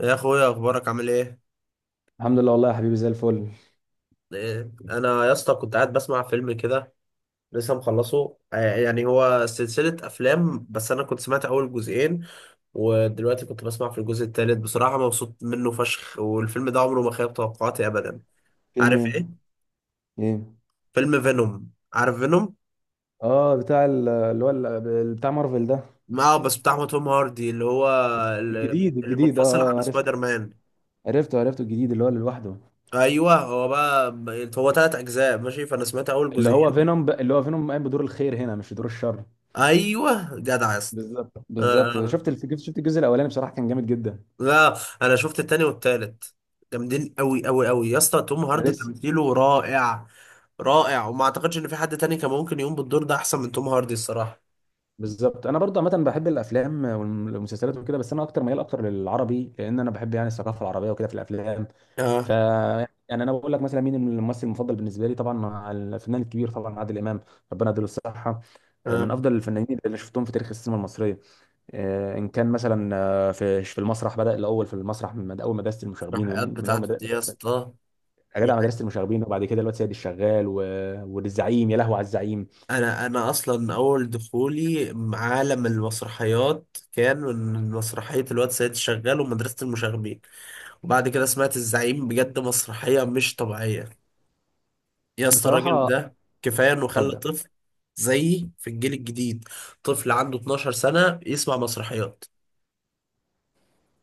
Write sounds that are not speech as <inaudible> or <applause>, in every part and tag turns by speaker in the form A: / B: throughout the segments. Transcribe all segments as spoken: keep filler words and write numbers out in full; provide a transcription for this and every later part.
A: يا اخويا، اخبارك عامل ايه؟
B: الحمد لله، والله يا حبيبي زي الفل.
A: إيه، انا يا اسطى كنت قاعد بسمع فيلم كده، لسه مخلصه آه، يعني هو سلسلة افلام، بس انا كنت سمعت اول جزئين، ودلوقتي كنت بسمع في الجزء الثالث. بصراحة مبسوط منه فشخ، والفيلم ده عمره ما خيب توقعاتي ابدا.
B: فيلم
A: عارف
B: ايه؟
A: ايه؟
B: ايه؟
A: فيلم فينوم، عارف فينوم؟
B: اه، بتاع ال- اللي هو ال- بتاع مارفل ده.
A: اه، بس بتاع توم هاردي، اللي هو ال-
B: الجديد
A: اللي
B: الجديد اه،
A: منفصل
B: آه،
A: عن
B: عرفت.
A: سبايدر مان.
B: عرفته عرفته الجديد اللي هو اللي لوحده.
A: ايوه هو بقى، هو ثلاث اجزاء ماشي، فانا سمعت اول
B: اللي هو
A: جزئين.
B: فينوم ب... اللي هو فينوم قايم بدور الخير هنا، مش بدور الشر.
A: ايوه جدع يا اسطى.
B: بالظبط بالظبط،
A: آه،
B: شفت الف... شفت الجزء الاولاني، بصراحه كان جامد جدا.
A: لا، انا شفت التاني والتالت، جامدين قوي قوي قوي يا اسطى. توم
B: انا
A: هاردي
B: لسه.
A: تمثيله رائع، رائع. وما اعتقدش ان في حد تاني كان ممكن يقوم بالدور ده احسن من توم هاردي الصراحه.
B: بالظبط. انا برضه عامه بحب الافلام والمسلسلات وكده، بس انا اكتر ميال اكتر للعربي، لان انا بحب يعني الثقافه العربيه وكده في الافلام. ف،
A: اه،
B: يعني انا بقول لك مثلا مين الممثل المفضل بالنسبه لي، طبعا مع الفنان الكبير طبعا عادل امام، ربنا يديله الصحه. آه، من
A: اه،
B: افضل الفنانين اللي شفتهم في تاريخ السينما المصريه. آه، ان كان مثلا آه، في في المسرح، بدا الاول في المسرح من اول مدرسه المشاغبين،
A: التحقيقات
B: ومن- من اول
A: بتاعته دي يا
B: مدرسه
A: اسطى.
B: جدع مدرسه المشاغبين، وبعد كده الواد سيد الشغال و... والزعيم. يا لهوي على الزعيم!
A: انا انا اصلا اول دخولي عالم المسرحيات كان من مسرحيه الواد سيد شغال ومدرسه المشاغبين، وبعد كده سمعت الزعيم. بجد مسرحيه مش طبيعيه يا اسطى، الراجل
B: بصراحه
A: ده كفايه انه خلى
B: اتفضل.
A: طفل زيي في الجيل الجديد، طفل عنده اتناشر سنه يسمع مسرحيات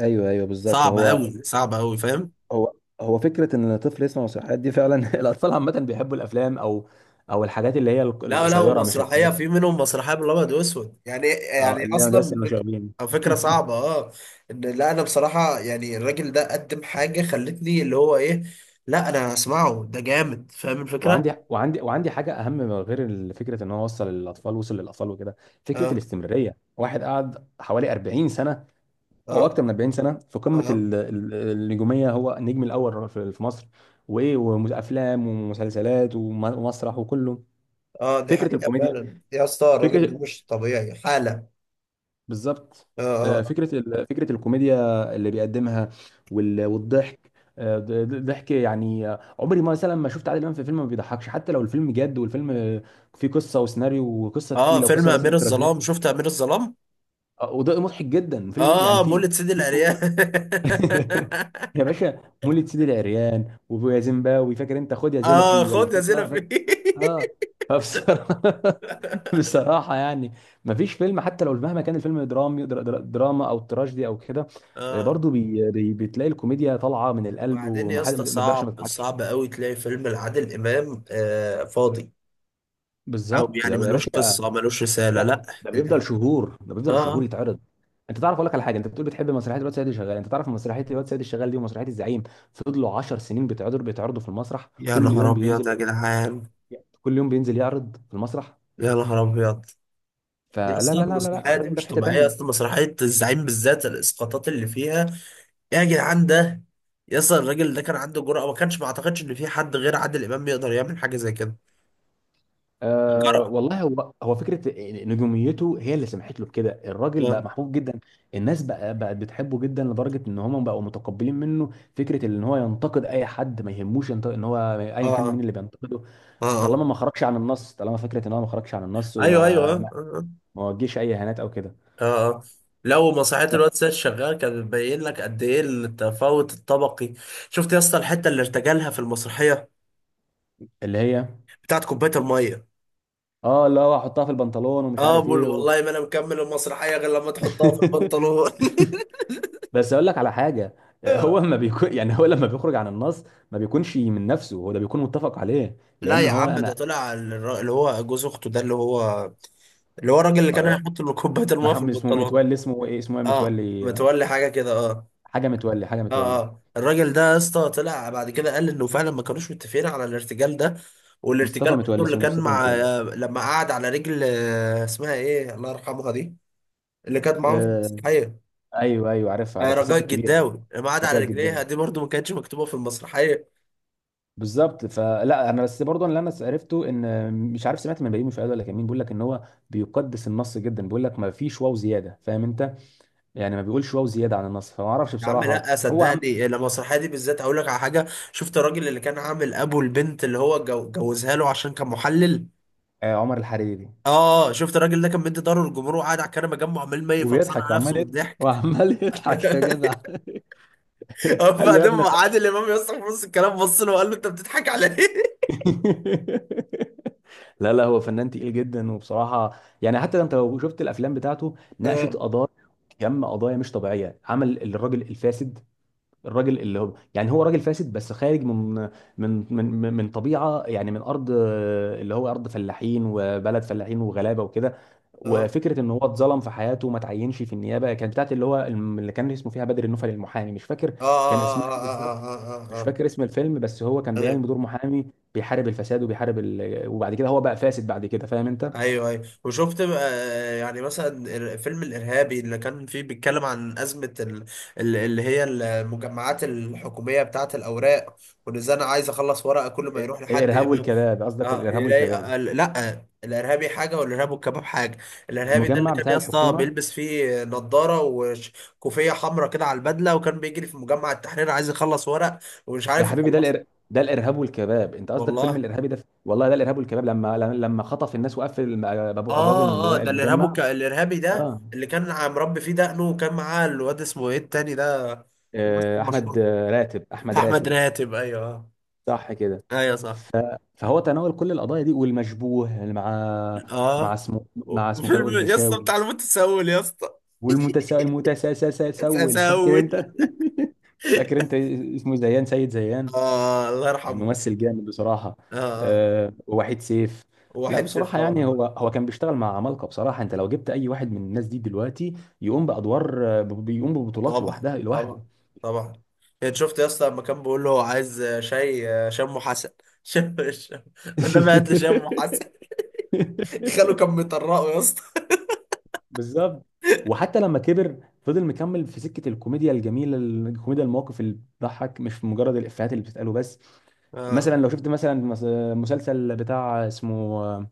B: ايوه ايوه بالظبط.
A: صعبه
B: هو
A: قوي صعبه قوي، فاهم؟
B: هو هو فكره ان الطفل يسمع نصيحات دي فعلا. <laughs> الاطفال عامه بيحبوا الافلام او او الحاجات اللي هي
A: لا لا،
B: القصيره، مش
A: ومسرحيه
B: الحاجات.
A: في منهم مسرحيه بالابيض واسود يعني، يعني
B: اه، اللي هي مدرسه
A: اصلا فك-
B: المشاغبين.
A: أو فكره صعبه
B: <laughs>
A: اه. ان لا، انا بصراحه يعني الراجل ده قدم حاجه خلتني اللي هو ايه، لا انا هسمعه ده جامد، فاهم الفكره.
B: وعندي وعندي وعندي حاجه اهم من غير فكره ان هو وصل للاطفال، وصل للاطفال وكده. فكره
A: اه،
B: الاستمراريه، واحد قعد حوالي أربعين سنه
A: اه،
B: او اكتر من أربعين سنه في قمه
A: اه،
B: ال- ال- النجوميه، هو النجم الاول في في مصر. وايه، وافلام ومسلسلات وم- ومسرح وكله.
A: اه، دي
B: فكره
A: حقيقه
B: الكوميديا،
A: فعلا يا اسطى، الراجل ده
B: فكره،
A: مش طبيعي حاله.
B: بالظبط.
A: اه،
B: آه،
A: آه.
B: فكرة ال- فكرة الكوميديا اللي بيقدمها وال- والضحك. آه، ض- ض- ضحك يعني. آه، عمري ما مثلا ما شفت عادل إمام في فيلم ما بيضحكش، حتى لو الفيلم جد، والفيلم آه، فيه قصة وسيناريو وقصة
A: اه،
B: تقيلة
A: فيلم
B: وقصة
A: امير
B: مثلا
A: الظلام،
B: تراجيدية.
A: شفت امير الظلام؟
B: آه، وده مضحك جدا. فيلم م- يعني
A: اه،
B: في
A: مولد سيدي
B: في كوميديا.
A: العريان <laughs>
B: <laughs> يا باشا مولد سيدي العريان ويا زيمباوي، فاكر انت؟ خد يا
A: اه،
B: زلفي ولا
A: خد يا
B: خد؟ اه،
A: زينة
B: فاكر.
A: فيه
B: اه،
A: <laughs>
B: فبصراحة. <laughs> <laughs> بصراحة، يعني مفيش فيلم، حتى لو مهما كان الفيلم درامي، در- در- دراما او تراجيدي او كده، آه،
A: اه،
B: برضو بي بي بتلاقي الكوميديا طالعة من القلب،
A: وبعدين يا
B: وما حد
A: اسطى
B: ما تقدرش ما
A: صعب،
B: تضحكش.
A: صعب قوي تلاقي فيلم لعادل امام آه فاضي، او
B: بالظبط يا
A: يعني
B: يا
A: ملوش
B: باشا.
A: قصه، ملوش رساله، لا.
B: لا، ده بيفضل شهور، ده بيفضل شهور
A: اه.
B: يتعرض. انت تعرف، اقول لك على حاجه، انت بتقول بتحب مسرحيه الواد سيد الشغال، انت تعرف مسرحيه الواد سيد الشغال دي ومسرحيه الزعيم فضلوا عشر سنين بيتعرضوا بيتعرضوا في المسرح؟
A: يا
B: كل
A: نهار
B: يوم
A: ابيض يا
B: بينزل،
A: جدعان،
B: كل يوم بينزل يعرض في المسرح.
A: يا نهار ابيض. دي
B: فلا لا
A: اصلا
B: لا لا لا
A: المسرحيه دي
B: الراجل ده
A: مش
B: في حته
A: طبيعيه،
B: تانيه.
A: اصلا مسرحيه الزعيم بالذات الاسقاطات اللي فيها. يا جدعان، ده يس الراجل ده كان عنده جرأة، ما كانش ما اعتقدش ان في حد غير عادل امام يقدر يعمل حاجة زي كده.
B: أه
A: جرأة.
B: والله، هو هو فكره نجوميته هي اللي سمحت له بكده. الراجل بقى
A: اه،
B: محبوب جدا، الناس بقى بقت بتحبه جدا، لدرجه ان هم بقوا متقبلين منه فكره ان هو ينتقد اي حد، ما يهموش ينتقد ان هو
A: اه،
B: ايا كان مين اللي بينتقده،
A: اه، آه.
B: طالما ما خرجش عن النص. طالما فكره ان هو ما خرجش عن النص،
A: ايوه، ايوه،
B: وما
A: اه،
B: ما
A: اه،
B: ما وجهش اي اهانات او كده.
A: آه، آه، آه. لو مصحات الواد سيد شغال كان بيبين لك قد ايه التفاوت الطبقي. شفت يا اسطى الحتة اللي ارتجلها في المسرحية
B: اللي هي،
A: بتاعت كوباية المية؟
B: اه اللي هو احطها في البنطلون ومش
A: اه،
B: عارف
A: بقول
B: ايه و...
A: والله ما انا مكمل المسرحية غير لما تحطها في
B: <laughs>
A: البنطلون.
B: بس اقول لك على حاجه،
A: <laughs>
B: هو ما بيكون <laughs> يعني هو لما بيخرج عن النص ما بيكونش من نفسه هو، ده بيكون متفق عليه،
A: لا
B: لان
A: يا
B: هو
A: عم، ده
B: انا.
A: طلع الر- اللي هو جوز اخته ده اللي هو اللي هو الراجل اللي كان هيحط له كوباية المية في
B: محمد اسمه،
A: البنطلون
B: متولي اسمه، ايه اسمه ايه؟
A: اه
B: متولي
A: متولي حاجه كده اه
B: حاجه، متولي حاجه،
A: اه
B: متولي
A: اه الراجل ده يا اسطى طلع بعد كده قال انه فعلا ما كانوش متفقين على الارتجال ده
B: مصطفى
A: والارتجال
B: متولي،
A: برضه اللي
B: اسمه
A: كان
B: مصطفى
A: مع
B: متولي.
A: آه، لما قعد على رجل آه، اسمها ايه الله يرحمها دي اللي كانت معاهم في
B: آه،
A: المسرحيه
B: ايوه ايوه، عارفها
A: آه،
B: عارفها،
A: رجاء
B: الست الكبيره،
A: الجداوي لما قعد على
B: بجاء
A: رجليها
B: جدا.
A: دي برضه ما كانتش مكتوبه في المسرحيه
B: بالظبط، فلا انا بس برضه اللي انا عرفته، ان مش عارف سمعت من بيومي، مش ولا كان مين، بيقول لك ان هو بيقدس النص جدا، بيقول لك ما فيش واو زياده، فاهم انت؟ يعني ما بيقولش واو زياده عن النص، فما اعرفش
A: يا عم
B: بصراحه.
A: لا
B: هو عم...
A: صدقني المسرحيه دي بالذات اقول لك على حاجه شفت الراجل اللي كان عامل ابو البنت اللي هو جو- جوزها له عشان كان محلل.
B: آه، عمر الحريري.
A: اه، شفت الراجل ده كان مدي ضهره للجمهور وقاعد على الكنبه جنبه، عمال ما يفطسن
B: وبيضحك،
A: على نفسه
B: وعمال
A: من
B: يضحك
A: الضحك.
B: وعمال يضحك يا جدع. <laughs>
A: <laughs>
B: قال له يا
A: وبعدين
B: ابني خ-
A: عادل امام يصرخ في نص الكلام، بص له وقال له انت بتضحك على ايه؟
B: <laughs> لا لا، هو فنان تقيل جدا، وبصراحة يعني حتى انت لو شفت الافلام بتاعته ناقشت
A: اه،
B: قضايا، كم قضايا مش طبيعية. عمل الراجل الفاسد، الراجل اللي هو، يعني هو راجل فاسد بس خارج من من من من من طبيعه يعني، من ارض آه، اللي هو ارض فلاحين وبلد فلاحين وغلابه وكده،
A: اه،
B: وفكره ان هو اتظلم في حياته وما تعينش في النيابه، كانت بتاعت اللي هو الم- اللي كان اسمه فيها بدر النفل المحامي، مش فاكر
A: اه،
B: كان اسمها ايه بالظبط،
A: اه، اه،
B: مش
A: اه،
B: فاكر اسم الفيلم، بس هو كان
A: ايوه،
B: بيقايم بدور محامي بيحارب الفساد وبيحارب ال... وبعد كده هو بقى فاسد بعد كده، فاهم انت؟
A: ايوه، ايوه. وشفت بقى آه، يعني مثلا فيلم الارهابي اللي كان فيه بيتكلم عن ازمه ال- ال- اللي هي المجمعات الحكوميه بتاعت الاوراق، وان ازاي انا عايز اخلص ورقه كل ما يروح لحد يا
B: الارهاب
A: اما
B: والكباب، قصدك
A: اه
B: الارهاب
A: يلاقي آه،
B: والكباب.
A: آه، لا، الارهابي حاجه والارهاب والكباب حاجه. الارهابي ده اللي
B: المجمع
A: كان
B: بتاع
A: يا اسطى
B: الحكومه.
A: بيلبس فيه نضاره وكوفيه حمراء كده على البدله، وكان بيجري في مجمع التحرير عايز يخلص ورق، ومش
B: يا
A: عارف
B: حبيبي، ده
A: يخلصه.
B: الإر... ده الارهاب والكباب، انت قصدك فيلم
A: والله.
B: الارهابي ده، والله ده الارهاب والكباب، لما لما خطف الناس وقفل الم- أبو- ابواب المج-
A: اه، اه، ده الارهاب
B: المجمع.
A: والك... الارهابي ده
B: اه،
A: اللي كان ع- مربي فيه دقنه، وكان معاه الواد، اسمه ايه التاني ده، الممثل
B: آه، احمد
A: المشهور،
B: آه، راتب، احمد
A: احمد
B: راتب.
A: راتب. ايوه، آه.
B: صح كده.
A: ايوه صح.
B: فهو تناول كل القضايا دي، والمشبوه مع مع
A: اه،
B: اسمه مع اسمه
A: وفيلم
B: فاروق
A: يا اسطى
B: الفيشاوي.
A: بتاع المتسول يا اسطى
B: والمتساءل،
A: <laughs>
B: المتساءل، فاكر انت؟
A: تسول.
B: <laughs> فاكر انت اسمه؟ زيان، سيد زيان،
A: آه الله
B: كان
A: يرحمه.
B: ممثل جامد بصراحة.
A: آه، آه.
B: أه، ووحيد سيف. لا
A: واحد صفر
B: بصراحة يعني
A: طبعا.
B: هو، هو كان بيشتغل مع عمالقة بصراحة. انت لو جبت اي واحد من الناس دي دلوقتي يقوم بأدوار آه، ب- بيقوم ببطولات
A: طبعا،
B: لوحدها لوحده.
A: طبعا، طبعا. يعني شفت يا اسطى لما كان بيقول له عايز شاي آه، شم حسن <laughs> شم شم انما هات لي شم حسن.
B: <laughs>
A: <laughs> خاله كان بيطرقه يا اسطى.
B: بالظبط. وحتى لما كبر فضل مكمل في سكة الكوميديا الجميلة، الكوميديا، المواقف اللي بتضحك، مش مجرد الإفيهات اللي بتتقاله بس.
A: آه،
B: مثلا لو شفت مثلا مس- مسلسل بتاع اسمه آه،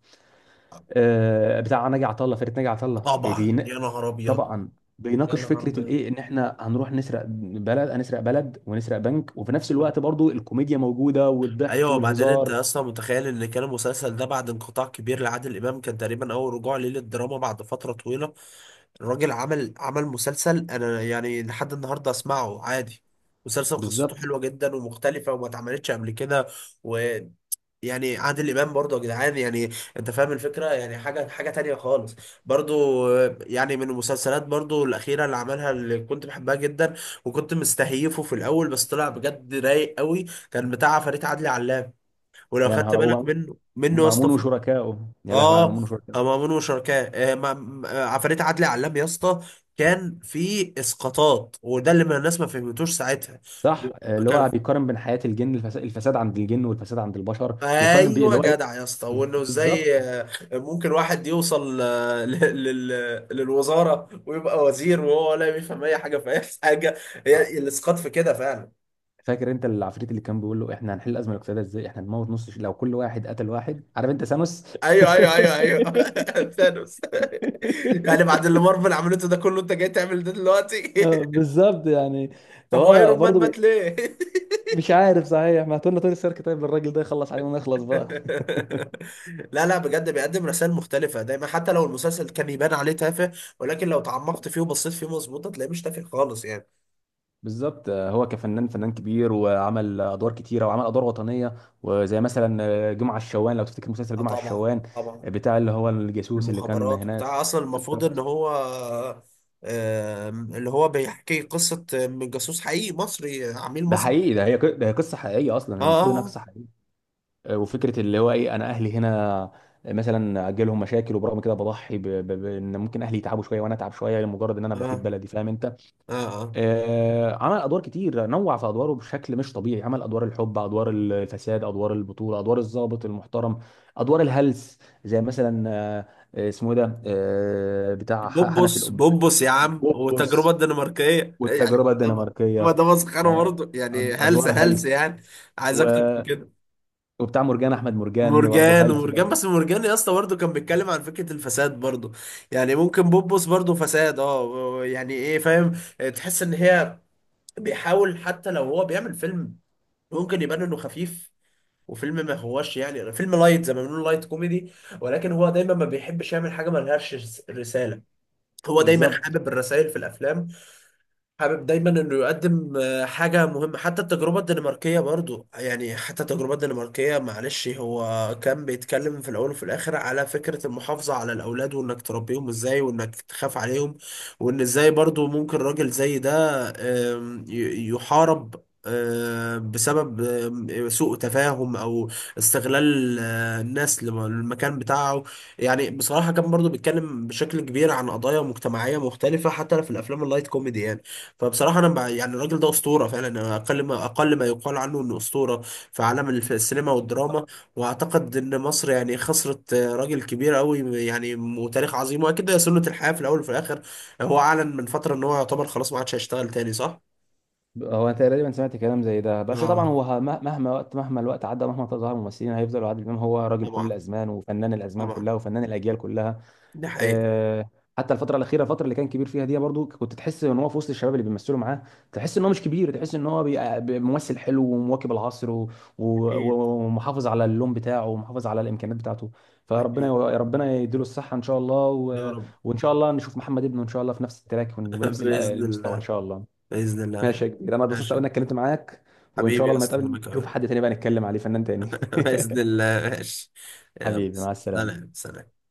B: آه، بتاع ناجي عطا الله، فرقه ناجي عطا الله. آه،
A: طبعا يا
B: بين...
A: نهار ابيض.
B: طبعا،
A: يا
B: بيناقش
A: نهار
B: فكره
A: ابيض.
B: الايه، ان احنا هنروح نسرق بلد، هنسرق بلد ونسرق بنك، وفي نفس الوقت برضو الكوميديا موجوده والضحك
A: ايوه، وبعدين انت
B: والهزار.
A: يا اسطى متخيل ان كان المسلسل ده بعد انقطاع كبير لعادل امام، كان تقريبا اول رجوع ليه للدراما بعد فتره طويله. الراجل عمل، عمل مسلسل انا يعني لحد النهارده اسمعه عادي. مسلسل قصته
B: بالظبط.
A: حلوه جدا ومختلفه وما اتعملتش قبل كده، ويعني عادل امام برضه يا جدعان يعني، انت فاهم الفكره، يعني حاجه، حاجه تانية خالص برضه يعني. من المسلسلات برضه الاخيره اللي عملها اللي كنت بحبها جدا، وكنت مستهيفه في الاول بس طلع بجد رايق قوي، كان بتاع فريد عدلي علام. ولو
B: يا
A: خدت
B: نهار
A: بالك
B: أبيض.
A: منه منه يا
B: مأمون
A: اسطى.
B: وشركائه، يا لهوي على
A: اه،
B: مأمون وشركائه.
A: مأمون وشركاه آه، ما- ما- آه، عفاريت عدلي علام يا اسطى. كان في اسقاطات، وده اللي ما الناس ما فهمتوش ساعتها.
B: صح، آه، اللي هو
A: كان <laughs>
B: بيقارن بين حياة الجن، الفس- الفساد عند الجن والفساد عند البشر، بيقارن بي
A: ايوه
B: اللي هو ايه.
A: جدع يا اسطى،
B: بز-
A: وانه
B: بالظبط.
A: ازاي آه، ممكن واحد يوصل آه، ل- لل- للوزاره ويبقى وزير، وهو ولا بيفهم اي حاجه في اي حاجه.
B: آه.
A: هي الاسقاط في كده فعلا.
B: فاكر انت العفريت اللي كان بيقول له احنا هنحل الازمه الاقتصاديه ازاي؟ احنا هنموت نص ش- لو كل واحد قتل واحد، عارف انت ثانوس؟
A: ايوه، ايوه، ايوه، ايوه.
B: <laughs>
A: <laughs> ثانوس. <laughs> يعني بعد اللي مارفل عملته ده كله انت جاي تعمل ده دلوقتي؟
B: آه،
A: <laughs>
B: بالظبط يعني.
A: طب
B: فهو
A: وايرون مان
B: برضه بي-
A: مات ليه؟ <laughs>
B: مش عارف، صحيح، ما تقولنا توني ستارك طيب الراجل ده يخلص عليه ونخلص بقى.
A: لا لا، بجد بيقدم رسائل مختلفة دايما حتى لو المسلسل كان يبان عليه تافه، ولكن لو تعمقت فيه وبصيت فيه مظبوط هتلاقيه مش تافه خالص يعني.
B: بالظبط. آه، هو كفنان فنان كبير، وعمل ادوار كتيره، وعمل ادوار وطنيه، وزي مثلا آه، جمعه الشوان، لو تفتكر مسلسل
A: اه،
B: جمعه
A: طبعا،
B: الشوان،
A: طبعا.
B: آه، بتاع اللي هو الجاسوس اللي كان
A: المخابرات وبتاع،
B: هناك.
A: اصلا المفروض ان
B: بالظبط،
A: هو آم، اللي هو بيحكي قصة من جاسوس حقيقي مصري، عميل
B: ده
A: مصري.
B: حقيقي، ده هي ق- ده هي قصه حقيقيه، اصلا المفروض انها
A: اه،
B: قصه حقيقيه. آه، وفكره اللي هو ايه، انا اهلي هنا، آه، مثلا اجي لهم مشاكل وبرغم كده بضحي ب- ب- بان ممكن اهلي يتعبوا شويه وانا اتعب شويه، لمجرد ان انا
A: اه،
B: بفيد
A: اه،
B: بلدي، فاهم انت؟
A: اه، اه.
B: آه، عمل ادوار كتير، نوع في ادواره بشكل مش طبيعي، عمل ادوار الحب، ادوار الفساد، ادوار البطوله، ادوار الضابط المحترم، ادوار الهلس، زي مثلا آه، آه، اسمه ايه ده آه، بتاع ح- حنفي
A: بوبوس،
B: الأب-
A: بوبوس يا عم، والتجربة
B: بوبوس
A: الدنماركية يعني.
B: والتجربه
A: ما ده، ما
B: الدنماركيه
A: ده مسخرة
B: يعني.
A: برضه يعني،
B: أد-
A: هلس
B: ادوار
A: هلس
B: هلس،
A: يعني. عايز اكتر
B: و-
A: من كده؟
B: وبتاع مرجان، احمد مرجان برضه
A: مرجان،
B: هلس
A: ومرجان،
B: برضه.
A: بس مرجان يا اسطى برضه كان بيتكلم عن فكرة الفساد برضه يعني. ممكن بوبوس برضه فساد، اه يعني ايه، فاهم؟ تحس ان هي بيحاول حتى لو هو بيعمل فيلم ممكن يبان انه خفيف، وفيلم ما هوش يعني فيلم لايت، زي ما بنقول لايت كوميدي، ولكن هو دايما ما بيحبش يعمل حاجة ما لهاش رس- رسالة. هو دايما
B: بالظبط.
A: حابب الرسائل في الافلام، حابب دايما انه يقدم آه، حاجه مهمه. حتى التجربه الدنماركيه برضو يعني، حتى التجربه الدنماركيه معلش، هو كان بيتكلم في الاول وفي الاخر على فكره المحافظه على الاولاد، وانك تربيهم ازاي، وانك تخاف عليهم. وان ازاي برضو ممكن راجل زي ده آم، ي- يحارب آه، بسبب آم، سوء تفاهم او استغلال آه، الناس لم- للمكان بتاعه. يعني بصراحة كان برضو بيتكلم بشكل كبير عن قضايا مجتمعية مختلفة، حتى في الأفلام اللايت كوميدي يعني. فبصراحة أنا بع- يعني الراجل ده أسطورة فعلا، أنا أقل ما أقل ما يقال عنه إنه أسطورة في عالم الف- السينما والدراما. وأعتقد إن مصر يعني خسرت آه، راجل كبير أوي، يعني وتاريخ عظيم، وأكيد ده سنة الحياة في الأول وفي الآخر. هو أعلن من فترة إن هو يعتبر خلاص ما عادش هيشتغل تاني، صح؟
B: هو انا تقريبا سمعت كلام زي ده، بس
A: اه،
B: طبعا هو، ه- مه- مهما وقت، مهما الوقت عدى، مهما ظهر ممثلين، هيفضلوا عادل امام هو راجل كل
A: طبعا،
B: الازمان وفنان الازمان
A: طبعا،
B: كلها وفنان الاجيال كلها.
A: دي حقيقة.
B: آه، حتى الفتره الاخيره، الفتره اللي كان كبير فيها دي، برضو كنت تحس ان هو في وسط الشباب اللي بيمثلوا معاه، تحس ان هو مش كبير، تحس ان هو بي- بي- ممثل حلو ومواكب العصر و- و-
A: أكيد،
B: و- ومحافظ على اللون بتاعه ومحافظ على الامكانيات بتاعته. فربنا، يا
A: أكيد،
B: ربنا يديله الصحه ان شاء الله،
A: يا
B: و-
A: رب.
B: وان شاء الله نشوف محمد ابنه ان شاء الله في نفس التراك ون-
A: <laughs>
B: وبنفس ال-
A: بإذن
B: المستوى ان
A: الله،
B: شاء الله.
A: بإذن الله يا
B: ماشي
A: أخوي.
B: يا كبير، انا اتبسطت
A: ماشي.
B: قوي اني اتكلمت معاك، وان شاء
A: حبيبي يا
B: الله لما
A: أسطى،
B: نتقابل
A: وأنا
B: نشوف
A: كمان.
B: حد تاني بقى نتكلم عليه، فنان تاني.
A: <laughs> بإذن الله، ماشي.
B: <laughs>
A: يلا،
B: حبيبي، مع السلامة.
A: سلام، سلام.